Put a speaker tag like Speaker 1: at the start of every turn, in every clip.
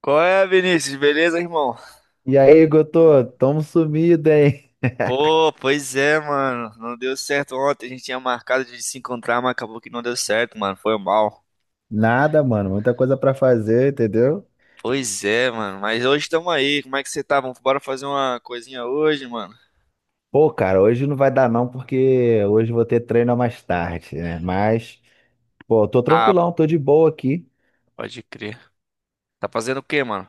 Speaker 1: Qual é, Vinícius? Beleza, irmão?
Speaker 2: E aí, Gotô, tamo sumido, hein?
Speaker 1: Pô, pois é, mano. Não deu certo ontem. A gente tinha marcado de se encontrar, mas acabou que não deu certo, mano. Foi mal.
Speaker 2: Nada, mano, muita coisa pra fazer, entendeu?
Speaker 1: Pois é, mano. Mas hoje estamos aí. Como é que você tá? Vamos bora fazer uma coisinha hoje, mano?
Speaker 2: Pô, cara, hoje não vai dar não, porque hoje eu vou ter treino mais tarde, né? Mas, pô, eu tô
Speaker 1: Ah,
Speaker 2: tranquilão, tô de boa aqui.
Speaker 1: pode crer. Tá fazendo o quê, mano?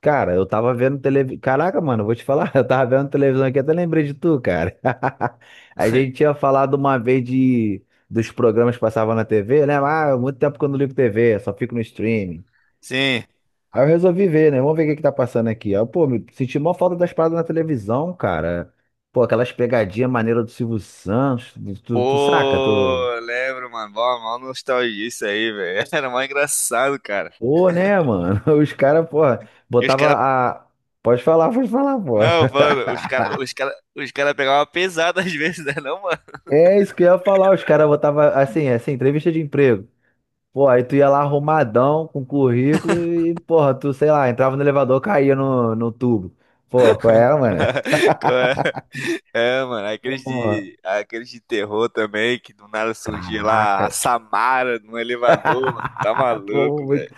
Speaker 2: Cara, eu tava vendo televisão. Caraca, mano, eu vou te falar, eu tava vendo televisão aqui, até lembrei de tu, cara. A gente tinha falado uma vez de dos programas que passavam na TV, né? Ah, muito tempo que eu não ligo TV, só fico no streaming.
Speaker 1: Sim.
Speaker 2: Aí eu resolvi ver, né? Vamos ver o que que tá passando aqui. Aí, eu, pô, me senti mó falta das paradas na televisão, cara. Pô, aquelas pegadinhas maneiras do Silvio Santos. Tu
Speaker 1: Pô,
Speaker 2: saca? Tu...
Speaker 1: lembro, mano. Mó nostalgia isso aí, velho. Era mó engraçado, cara.
Speaker 2: Pô, né, mano? Os caras, porra,
Speaker 1: E os
Speaker 2: botava
Speaker 1: caras.
Speaker 2: a. Pode falar, pô.
Speaker 1: Não, falando, os cara pegavam pesado às vezes, né? Não, mano?
Speaker 2: É isso que eu ia falar. Os caras botavam assim, assim, entrevista de emprego. Pô, aí tu ia lá arrumadão com currículo e, porra, tu, sei lá, entrava no elevador, caía no tubo. Pô, qual é, mano?
Speaker 1: Qual é? É, mano, aqueles
Speaker 2: Porra,
Speaker 1: de, aqueles de terror também, que do nada surgia lá a
Speaker 2: caraca.
Speaker 1: Samara no elevador, mano. Tá maluco,
Speaker 2: Pô,
Speaker 1: velho.
Speaker 2: muito.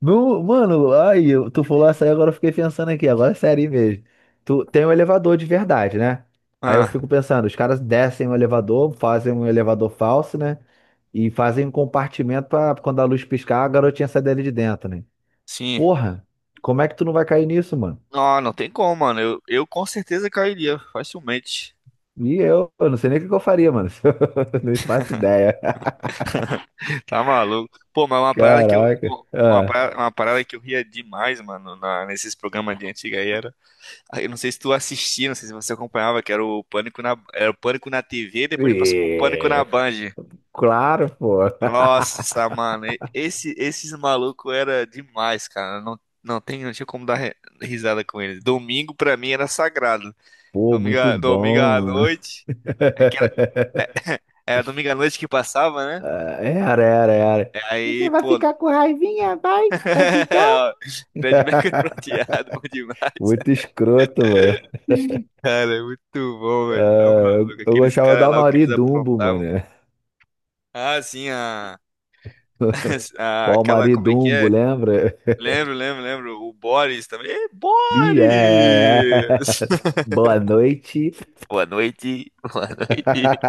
Speaker 2: Não, mano, ai, tu falou essa aí, agora eu fiquei pensando aqui, agora é sério mesmo. Tu tem um elevador de verdade, né? Aí eu
Speaker 1: Ah,
Speaker 2: fico pensando, os caras descem o elevador, fazem um elevador falso, né? E fazem um compartimento pra quando a luz piscar, a garotinha sai dele de dentro, né?
Speaker 1: sim.
Speaker 2: Porra, como é que tu não vai cair nisso, mano?
Speaker 1: Não, não tem como, mano. Eu com certeza cairia, facilmente.
Speaker 2: E eu não sei nem o que que eu faria, mano. Eu não faço ideia.
Speaker 1: Tá maluco. Pô, mas é uma parada que eu.
Speaker 2: Caraca.
Speaker 1: Uma
Speaker 2: Ah.
Speaker 1: parada, uma parada que eu ria demais, mano, nesses programas de antiga era. Aí Eu não sei se tu assistia, não sei se você acompanhava, que era era o Pânico na TV, depois passou o Pânico na
Speaker 2: Ih,
Speaker 1: Band.
Speaker 2: claro, pô.
Speaker 1: Nossa, mano, esses malucos era demais, cara. Não, não tinha como dar risada com eles. Domingo pra mim era sagrado.
Speaker 2: Pô,
Speaker 1: Domingo,
Speaker 2: muito
Speaker 1: à- domingo
Speaker 2: bom,
Speaker 1: à
Speaker 2: mano.
Speaker 1: noite. É que era, era domingo à noite que passava, né?
Speaker 2: Ah, era, era, era.
Speaker 1: É,
Speaker 2: E
Speaker 1: aí,
Speaker 2: você vai
Speaker 1: pô.
Speaker 2: ficar com raivinha? Vai? Vai ficar?
Speaker 1: Ó, Fred Mercury prateado, bom demais.
Speaker 2: Muito escroto, mano.
Speaker 1: Cara, é muito bom, velho. Tá
Speaker 2: Ah, eu,
Speaker 1: maluco.
Speaker 2: eu
Speaker 1: Aqueles
Speaker 2: gostava do
Speaker 1: caras lá, o que
Speaker 2: Almari
Speaker 1: eles
Speaker 2: Dumbo, mano.
Speaker 1: aprontavam. Ah, sim, a-
Speaker 2: O
Speaker 1: aquela,
Speaker 2: Almari
Speaker 1: como é que
Speaker 2: Dumbo,
Speaker 1: é?
Speaker 2: lembra?
Speaker 1: Lembro, lembro, lembro. O Boris também. Ê,
Speaker 2: Bi, é, é,
Speaker 1: Boris!
Speaker 2: é. Boa noite.
Speaker 1: Boa noite, boa noite.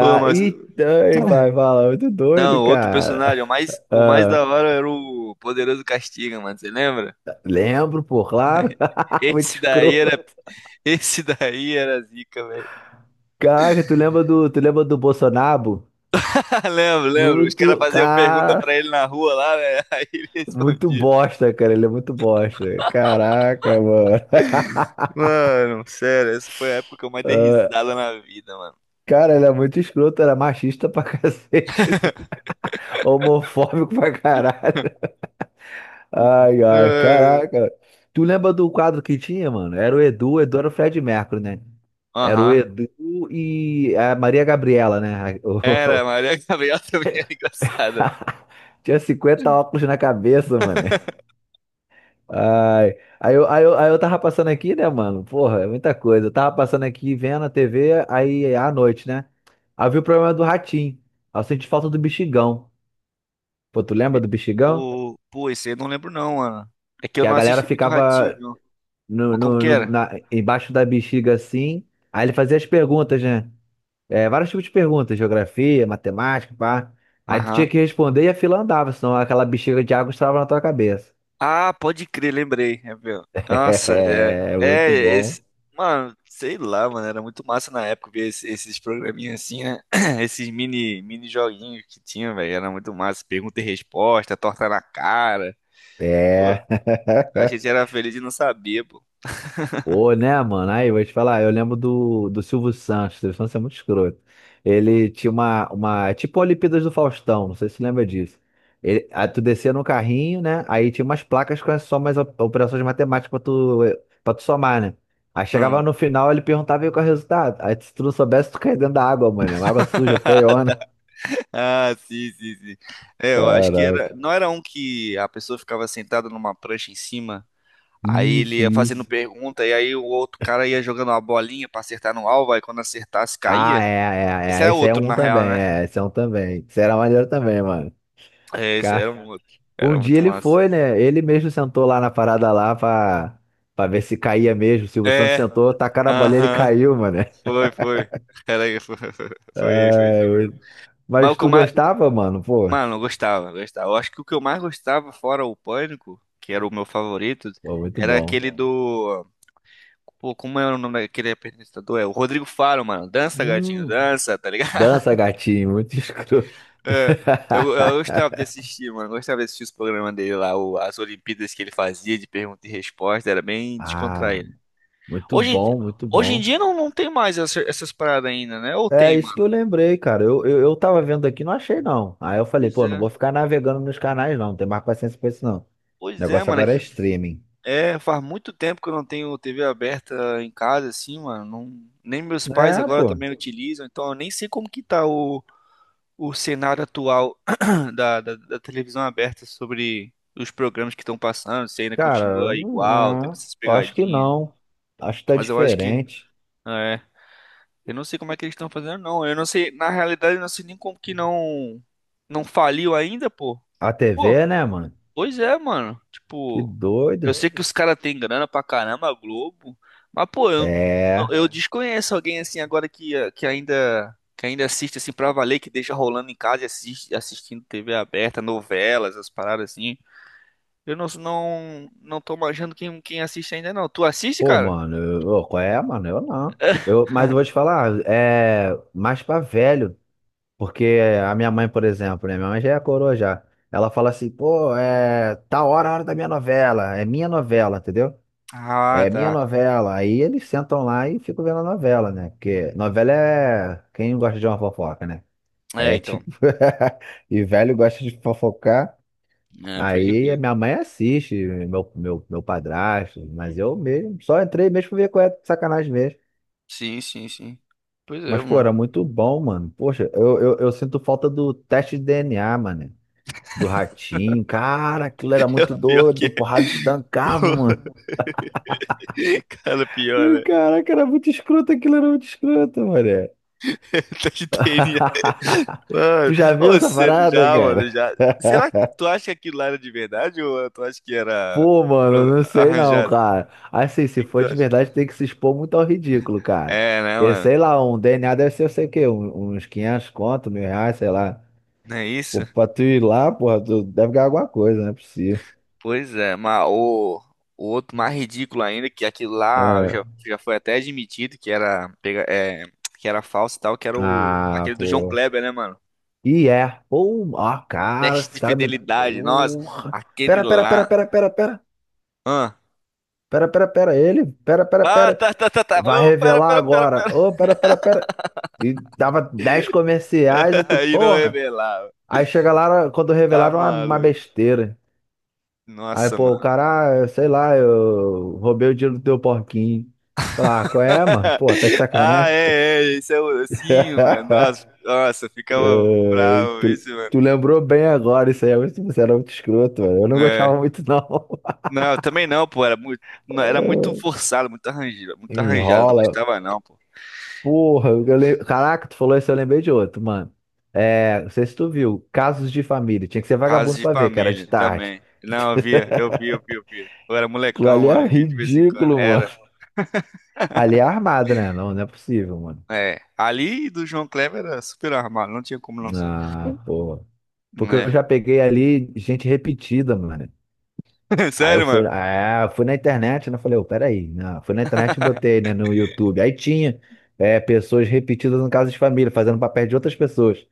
Speaker 1: Ô, mas...
Speaker 2: e ai, vai falar, muito doido,
Speaker 1: Não, outro
Speaker 2: cara.
Speaker 1: personagem, o mais
Speaker 2: Ah,
Speaker 1: da hora era o Poderoso Castiga, mano, você lembra?
Speaker 2: lembro, pô, claro. Muito
Speaker 1: Esse daí era,
Speaker 2: escroto.
Speaker 1: esse daí era zica, velho.
Speaker 2: Cara, tu lembra do Bolsonaro?
Speaker 1: Ah, lembro, lembro. Os caras
Speaker 2: Muito,
Speaker 1: faziam pergunta
Speaker 2: cara.
Speaker 1: pra ele na rua lá, né? Aí ele
Speaker 2: Muito
Speaker 1: respondia.
Speaker 2: bosta, cara. Ele é muito bosta. Caraca, mano.
Speaker 1: Mano, sério, essa foi a época que eu mais dei
Speaker 2: Ah,
Speaker 1: risada na vida, mano.
Speaker 2: cara, ele é muito escroto, era machista pra cacete, homofóbico pra caralho. Ai, ai,
Speaker 1: É.
Speaker 2: caraca. Tu lembra do quadro que tinha, mano? Era o Edu era o Fred Mercury, né? Era o
Speaker 1: Aham.
Speaker 2: Edu e a Maria Gabriela, né?
Speaker 1: Era, a
Speaker 2: O-
Speaker 1: Maria Gabriela também era engraçada.
Speaker 2: Tinha 50 óculos na cabeça, mano. Ai. Aí eu tava passando aqui, né, mano? Porra, é muita coisa. Eu tava passando aqui vendo a TV, aí à noite, né? Havia o problema do ratinho. Aí eu senti falta do bexigão. Pô, tu lembra do bexigão?
Speaker 1: Pô, esse aí eu não lembro não, mano. É que eu
Speaker 2: Que
Speaker 1: não
Speaker 2: a galera
Speaker 1: assisti muito Ratinho,
Speaker 2: ficava
Speaker 1: não. Mas como que era?
Speaker 2: embaixo da bexiga assim. Aí ele fazia as perguntas, né? É, vários tipos de perguntas, geografia, matemática, pá. Aí tu tinha
Speaker 1: Aham.
Speaker 2: que responder e a fila andava, senão aquela bexiga de água estrava na tua cabeça.
Speaker 1: Ah, pode crer, lembrei. É, meu. Nossa, é.
Speaker 2: É,
Speaker 1: É,
Speaker 2: muito bom.
Speaker 1: esse... Mano, sei lá, mano. Era muito massa na época ver esses programinhas assim, né? Esses mini joguinhos que tinha, velho. Era muito massa. Pergunta e resposta, torta na cara. Pô,
Speaker 2: É.
Speaker 1: a gente era feliz de não saber, pô.
Speaker 2: Pô, né, mano? Aí, eu vou te falar, eu lembro do Silvio Santos, o Silvio Santos é muito escroto. Ele tinha uma, é tipo a Olimpíadas do Faustão, não sei se você lembra disso. Aí tu descia no carrinho, né? Aí tinha umas placas com as somas, operações matemáticas pra tu somar, né? Aí chegava
Speaker 1: Hum.
Speaker 2: no final, ele perguntava aí qual é o resultado. Aí se tu não soubesse, tu caía dentro da água, mano. Água suja, feiona.
Speaker 1: Ah, sim, sim, sim. É, eu acho que era,
Speaker 2: Caraca.
Speaker 1: não era um que a pessoa ficava sentada numa prancha em cima, aí ele
Speaker 2: Isso,
Speaker 1: ia fazendo
Speaker 2: isso.
Speaker 1: pergunta, e aí o outro cara ia jogando uma bolinha pra acertar no alvo, aí quando acertasse
Speaker 2: Ah,
Speaker 1: caía. Esse
Speaker 2: é, é,
Speaker 1: é
Speaker 2: é. Esse aí é
Speaker 1: outro,
Speaker 2: um
Speaker 1: na real,
Speaker 2: também,
Speaker 1: né?
Speaker 2: é. Esse é um também. Esse era maneiro também, mano.
Speaker 1: É, esse era um outro.
Speaker 2: Um
Speaker 1: Era
Speaker 2: dia
Speaker 1: muito
Speaker 2: ele
Speaker 1: massa.
Speaker 2: foi, né? Ele mesmo sentou lá na parada lá pra ver se caía mesmo. O Silvio Santos
Speaker 1: É,
Speaker 2: sentou, tacaram a bolinha, ele
Speaker 1: aham.
Speaker 2: caiu, mano.
Speaker 1: Foi, foi. Era, foi, foi, foi. Isso.
Speaker 2: Ai, eu-
Speaker 1: Mas o
Speaker 2: Mas
Speaker 1: que eu
Speaker 2: tu
Speaker 1: mais.
Speaker 2: gostava, mano? Pô,
Speaker 1: Mano, eu gostava, gostava. Eu acho que o que eu mais gostava, fora o Pânico, que era o meu favorito,
Speaker 2: pô, muito
Speaker 1: era
Speaker 2: bom.
Speaker 1: aquele do. Pô, como é o nome daquele apresentador? É o Rodrigo Faro, mano. Dança, gatinho,
Speaker 2: Hum,
Speaker 1: dança, tá ligado?
Speaker 2: Dança, gatinho, muito escroto.
Speaker 1: É, eu gostava de assistir, mano. Eu gostava de assistir os programas dele lá, as Olimpíadas que ele fazia de pergunta e resposta, era bem
Speaker 2: Ah,
Speaker 1: descontraído.
Speaker 2: muito
Speaker 1: Hoje, em di-
Speaker 2: bom, muito
Speaker 1: hoje em
Speaker 2: bom.
Speaker 1: dia não, tem mais essas paradas ainda, né? Ou
Speaker 2: É
Speaker 1: tem,
Speaker 2: isso
Speaker 1: mano?
Speaker 2: que eu lembrei, cara. Eu tava vendo aqui, não achei não. Aí eu falei,
Speaker 1: Pois
Speaker 2: pô, não
Speaker 1: é.
Speaker 2: vou ficar navegando nos canais não, não tem mais paciência pra isso não. O
Speaker 1: Pois é,
Speaker 2: negócio
Speaker 1: mano.
Speaker 2: agora é streaming.
Speaker 1: Faz muito tempo que eu não tenho TV aberta em casa, assim, mano. Nem meus pais
Speaker 2: É,
Speaker 1: agora
Speaker 2: pô.
Speaker 1: também utilizam, então eu nem sei como que tá o cenário atual da televisão aberta sobre os programas que estão passando, se ainda
Speaker 2: Cara,
Speaker 1: continua
Speaker 2: não
Speaker 1: igual, tendo
Speaker 2: é.
Speaker 1: essas
Speaker 2: Eu acho que
Speaker 1: pegadinhas.
Speaker 2: não. Acho que tá
Speaker 1: Mas eu acho que.
Speaker 2: diferente.
Speaker 1: Ah, é. Eu não sei como é que eles estão fazendo, não. Eu não sei. Na realidade, eu não sei nem como que não. Não faliu ainda, pô.
Speaker 2: A
Speaker 1: Pô,
Speaker 2: TV, né, mano?
Speaker 1: pois é, mano.
Speaker 2: Que
Speaker 1: Tipo, eu
Speaker 2: doido.
Speaker 1: sei que os caras têm grana pra caramba, a Globo. Mas, pô, eu,
Speaker 2: É.
Speaker 1: eu desconheço alguém assim agora que ainda. Que ainda assiste assim pra valer, que deixa rolando em casa e assistindo TV aberta, novelas, as paradas assim. Eu não tô manjando quem assiste ainda não. Tu assiste,
Speaker 2: Pô,
Speaker 1: cara?
Speaker 2: mano, eu, ô, qual é, mano? Eu não. Mas eu vou te falar, é mais pra velho. Porque a minha mãe, por exemplo, né? Minha mãe já é coroa já. Ela fala assim, pô, é tá hora, a hora da minha novela. É minha novela, entendeu?
Speaker 1: Ah,
Speaker 2: É minha
Speaker 1: tá.
Speaker 2: novela. Aí eles sentam lá e ficam vendo a novela, né? Porque novela é quem gosta de uma fofoca, né?
Speaker 1: É,
Speaker 2: É
Speaker 1: então.
Speaker 2: tipo, e velho gosta de fofocar.
Speaker 1: É, pode
Speaker 2: Aí a
Speaker 1: crer.
Speaker 2: minha mãe assiste, meu padrasto, mas eu mesmo só entrei mesmo pra ver qual é a sacanagem mesmo.
Speaker 1: Sim, sim, sim. Pois é,
Speaker 2: Mas, pô,
Speaker 1: mano.
Speaker 2: era muito bom, mano. Poxa, eu sinto falta do teste de DNA, mano. Do ratinho. Cara, aquilo era muito
Speaker 1: Pior que
Speaker 2: doido.
Speaker 1: é.
Speaker 2: Porrada estancava, mano.
Speaker 1: Cara, pior,
Speaker 2: Ih,
Speaker 1: né?
Speaker 2: caraca, era muito escroto, aquilo era muito escroto, mano.
Speaker 1: Tá de. Mano,
Speaker 2: Tu já viu
Speaker 1: ô,
Speaker 2: essa parada,
Speaker 1: já,
Speaker 2: cara?
Speaker 1: mano, já. Será que tu acha que aquilo lá era de verdade ou tu acha que era
Speaker 2: Pô, mano, não sei não,
Speaker 1: arranjado? O
Speaker 2: cara. Assim, se
Speaker 1: que que tu
Speaker 2: for de
Speaker 1: acha?
Speaker 2: verdade, tem que se expor muito ao ridículo, cara.
Speaker 1: É, né,
Speaker 2: Porque, sei
Speaker 1: mano?
Speaker 2: lá, um DNA deve ser, eu sei o quê, uns 500 conto, mil reais, sei lá.
Speaker 1: Não é isso?
Speaker 2: Pô, pra tu ir lá, porra, tu deve ganhar alguma coisa, não é possível.
Speaker 1: Pois é, mas o outro mais ridículo ainda, que aquilo lá
Speaker 2: É.
Speaker 1: já foi até admitido que era, é, que era falso e tal, que era
Speaker 2: Ah,
Speaker 1: aquele do João
Speaker 2: pô.
Speaker 1: Kleber, né, mano?
Speaker 2: E é. Pô, ó, cara,
Speaker 1: Teste
Speaker 2: esse
Speaker 1: de
Speaker 2: cara me...
Speaker 1: fidelidade, nossa,
Speaker 2: Porra.
Speaker 1: aquele
Speaker 2: Pera, pera, pera,
Speaker 1: lá.
Speaker 2: pera, pera, pera.
Speaker 1: Ah,
Speaker 2: Pera, pera, pera, ele. Pera, pera,
Speaker 1: ah
Speaker 2: pera.
Speaker 1: tá, tá, tá, tá.
Speaker 2: Vai
Speaker 1: Ô, pera,
Speaker 2: revelar
Speaker 1: pera, pera,
Speaker 2: agora.
Speaker 1: pera.
Speaker 2: Ô, pera, pera, pera. E dava 10 comerciais e tu,
Speaker 1: E não
Speaker 2: porra.
Speaker 1: revelava.
Speaker 2: Aí chega lá, quando
Speaker 1: Tá
Speaker 2: revelaram uma
Speaker 1: maluco.
Speaker 2: besteira. Aí,
Speaker 1: Nossa,
Speaker 2: pô, o
Speaker 1: mano.
Speaker 2: cara, ah, sei lá, eu roubei o dinheiro do teu porquinho. Falar, ah, qual é, mano? Pô, tá de
Speaker 1: Ah,
Speaker 2: sacanagem?
Speaker 1: é, isso é sim, mano. Nossa, nossa, eu ficava
Speaker 2: Ai,
Speaker 1: bravo,
Speaker 2: tu,
Speaker 1: isso, mano.
Speaker 2: tu lembrou bem agora isso aí. Mas você era muito escroto, mano. Eu não
Speaker 1: É.
Speaker 2: gostava muito, não.
Speaker 1: Não, eu também não, pô, era muito, não, era muito forçado, muito arranjado, não
Speaker 2: Enrola.
Speaker 1: gostava não, pô.
Speaker 2: Porra, caraca, tu falou isso, eu lembrei de outro, mano. É, não sei se tu viu, Casos de Família. Tinha que ser
Speaker 1: Casos
Speaker 2: vagabundo
Speaker 1: de
Speaker 2: pra ver, que era de
Speaker 1: família
Speaker 2: tarde.
Speaker 1: também. Não, eu via, eu via, eu via, eu via. Eu era
Speaker 2: Aquilo
Speaker 1: molecão,
Speaker 2: ali é
Speaker 1: mano, via de vez em quando.
Speaker 2: ridículo.
Speaker 1: Era.
Speaker 2: Ali é armado, né? Não, não é possível, mano.
Speaker 1: É, ali do João Kleber era super armado, não tinha como não ser.
Speaker 2: Ah, pô. Porque
Speaker 1: É.
Speaker 2: eu já peguei ali gente repetida, mano. Aí eu
Speaker 1: Sério,
Speaker 2: fui,
Speaker 1: mano?
Speaker 2: ah, fui na internet, né? Falei, ô, peraí. Não, fui na internet e botei, né, no YouTube. Aí tinha pessoas repetidas no caso de família, fazendo papel de outras pessoas.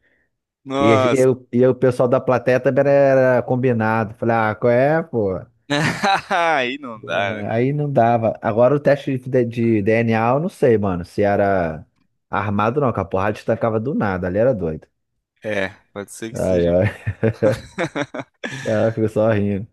Speaker 2: E
Speaker 1: Nossa.
Speaker 2: e o pessoal da plateia também era combinado. Falei, ah, qual é, pô?
Speaker 1: Aí não dá, né?
Speaker 2: Aí não dava. Agora o teste de DNA, eu não sei, mano, se era armado ou não, que a porrada destacava do nada. Ali era doido.
Speaker 1: É, pode ser que
Speaker 2: Ai,
Speaker 1: seja.
Speaker 2: ai. Ela ficou só rindo.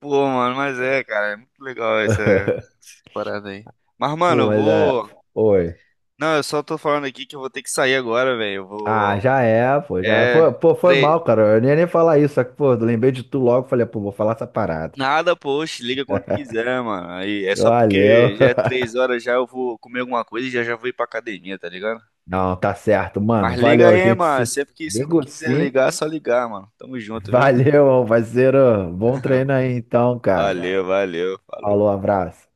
Speaker 1: Pô, mano, mas é, cara, é muito legal essa parada aí. Mas, mano,
Speaker 2: Pô,
Speaker 1: eu
Speaker 2: mas é.
Speaker 1: vou.
Speaker 2: Oi.
Speaker 1: Não, eu só tô falando aqui que eu vou ter que sair agora, velho. Eu vou.
Speaker 2: Ah, já é, pô, já é. Foi,
Speaker 1: É.
Speaker 2: pô, foi
Speaker 1: Tre...
Speaker 2: mal, cara. Eu nem ia nem falar isso, só que, pô, eu lembrei de tu logo. Falei, pô, vou falar essa parada.
Speaker 1: Nada, poxa, liga quando quiser, mano. Aí é só
Speaker 2: Valeu.
Speaker 1: porque já é 3 horas já eu vou comer alguma coisa e já já vou ir pra academia, tá ligado?
Speaker 2: Não, tá certo, mano.
Speaker 1: Mas liga
Speaker 2: Valeu, a
Speaker 1: aí,
Speaker 2: gente.
Speaker 1: mano.
Speaker 2: Se
Speaker 1: Sempre que sempre
Speaker 2: pegou
Speaker 1: quiser
Speaker 2: sim.
Speaker 1: ligar, é só ligar, mano. Tamo junto, viu?
Speaker 2: Valeu, parceiro. Bom treino aí, então, cara.
Speaker 1: Valeu, valeu.
Speaker 2: Falou,
Speaker 1: Falou.
Speaker 2: abraço.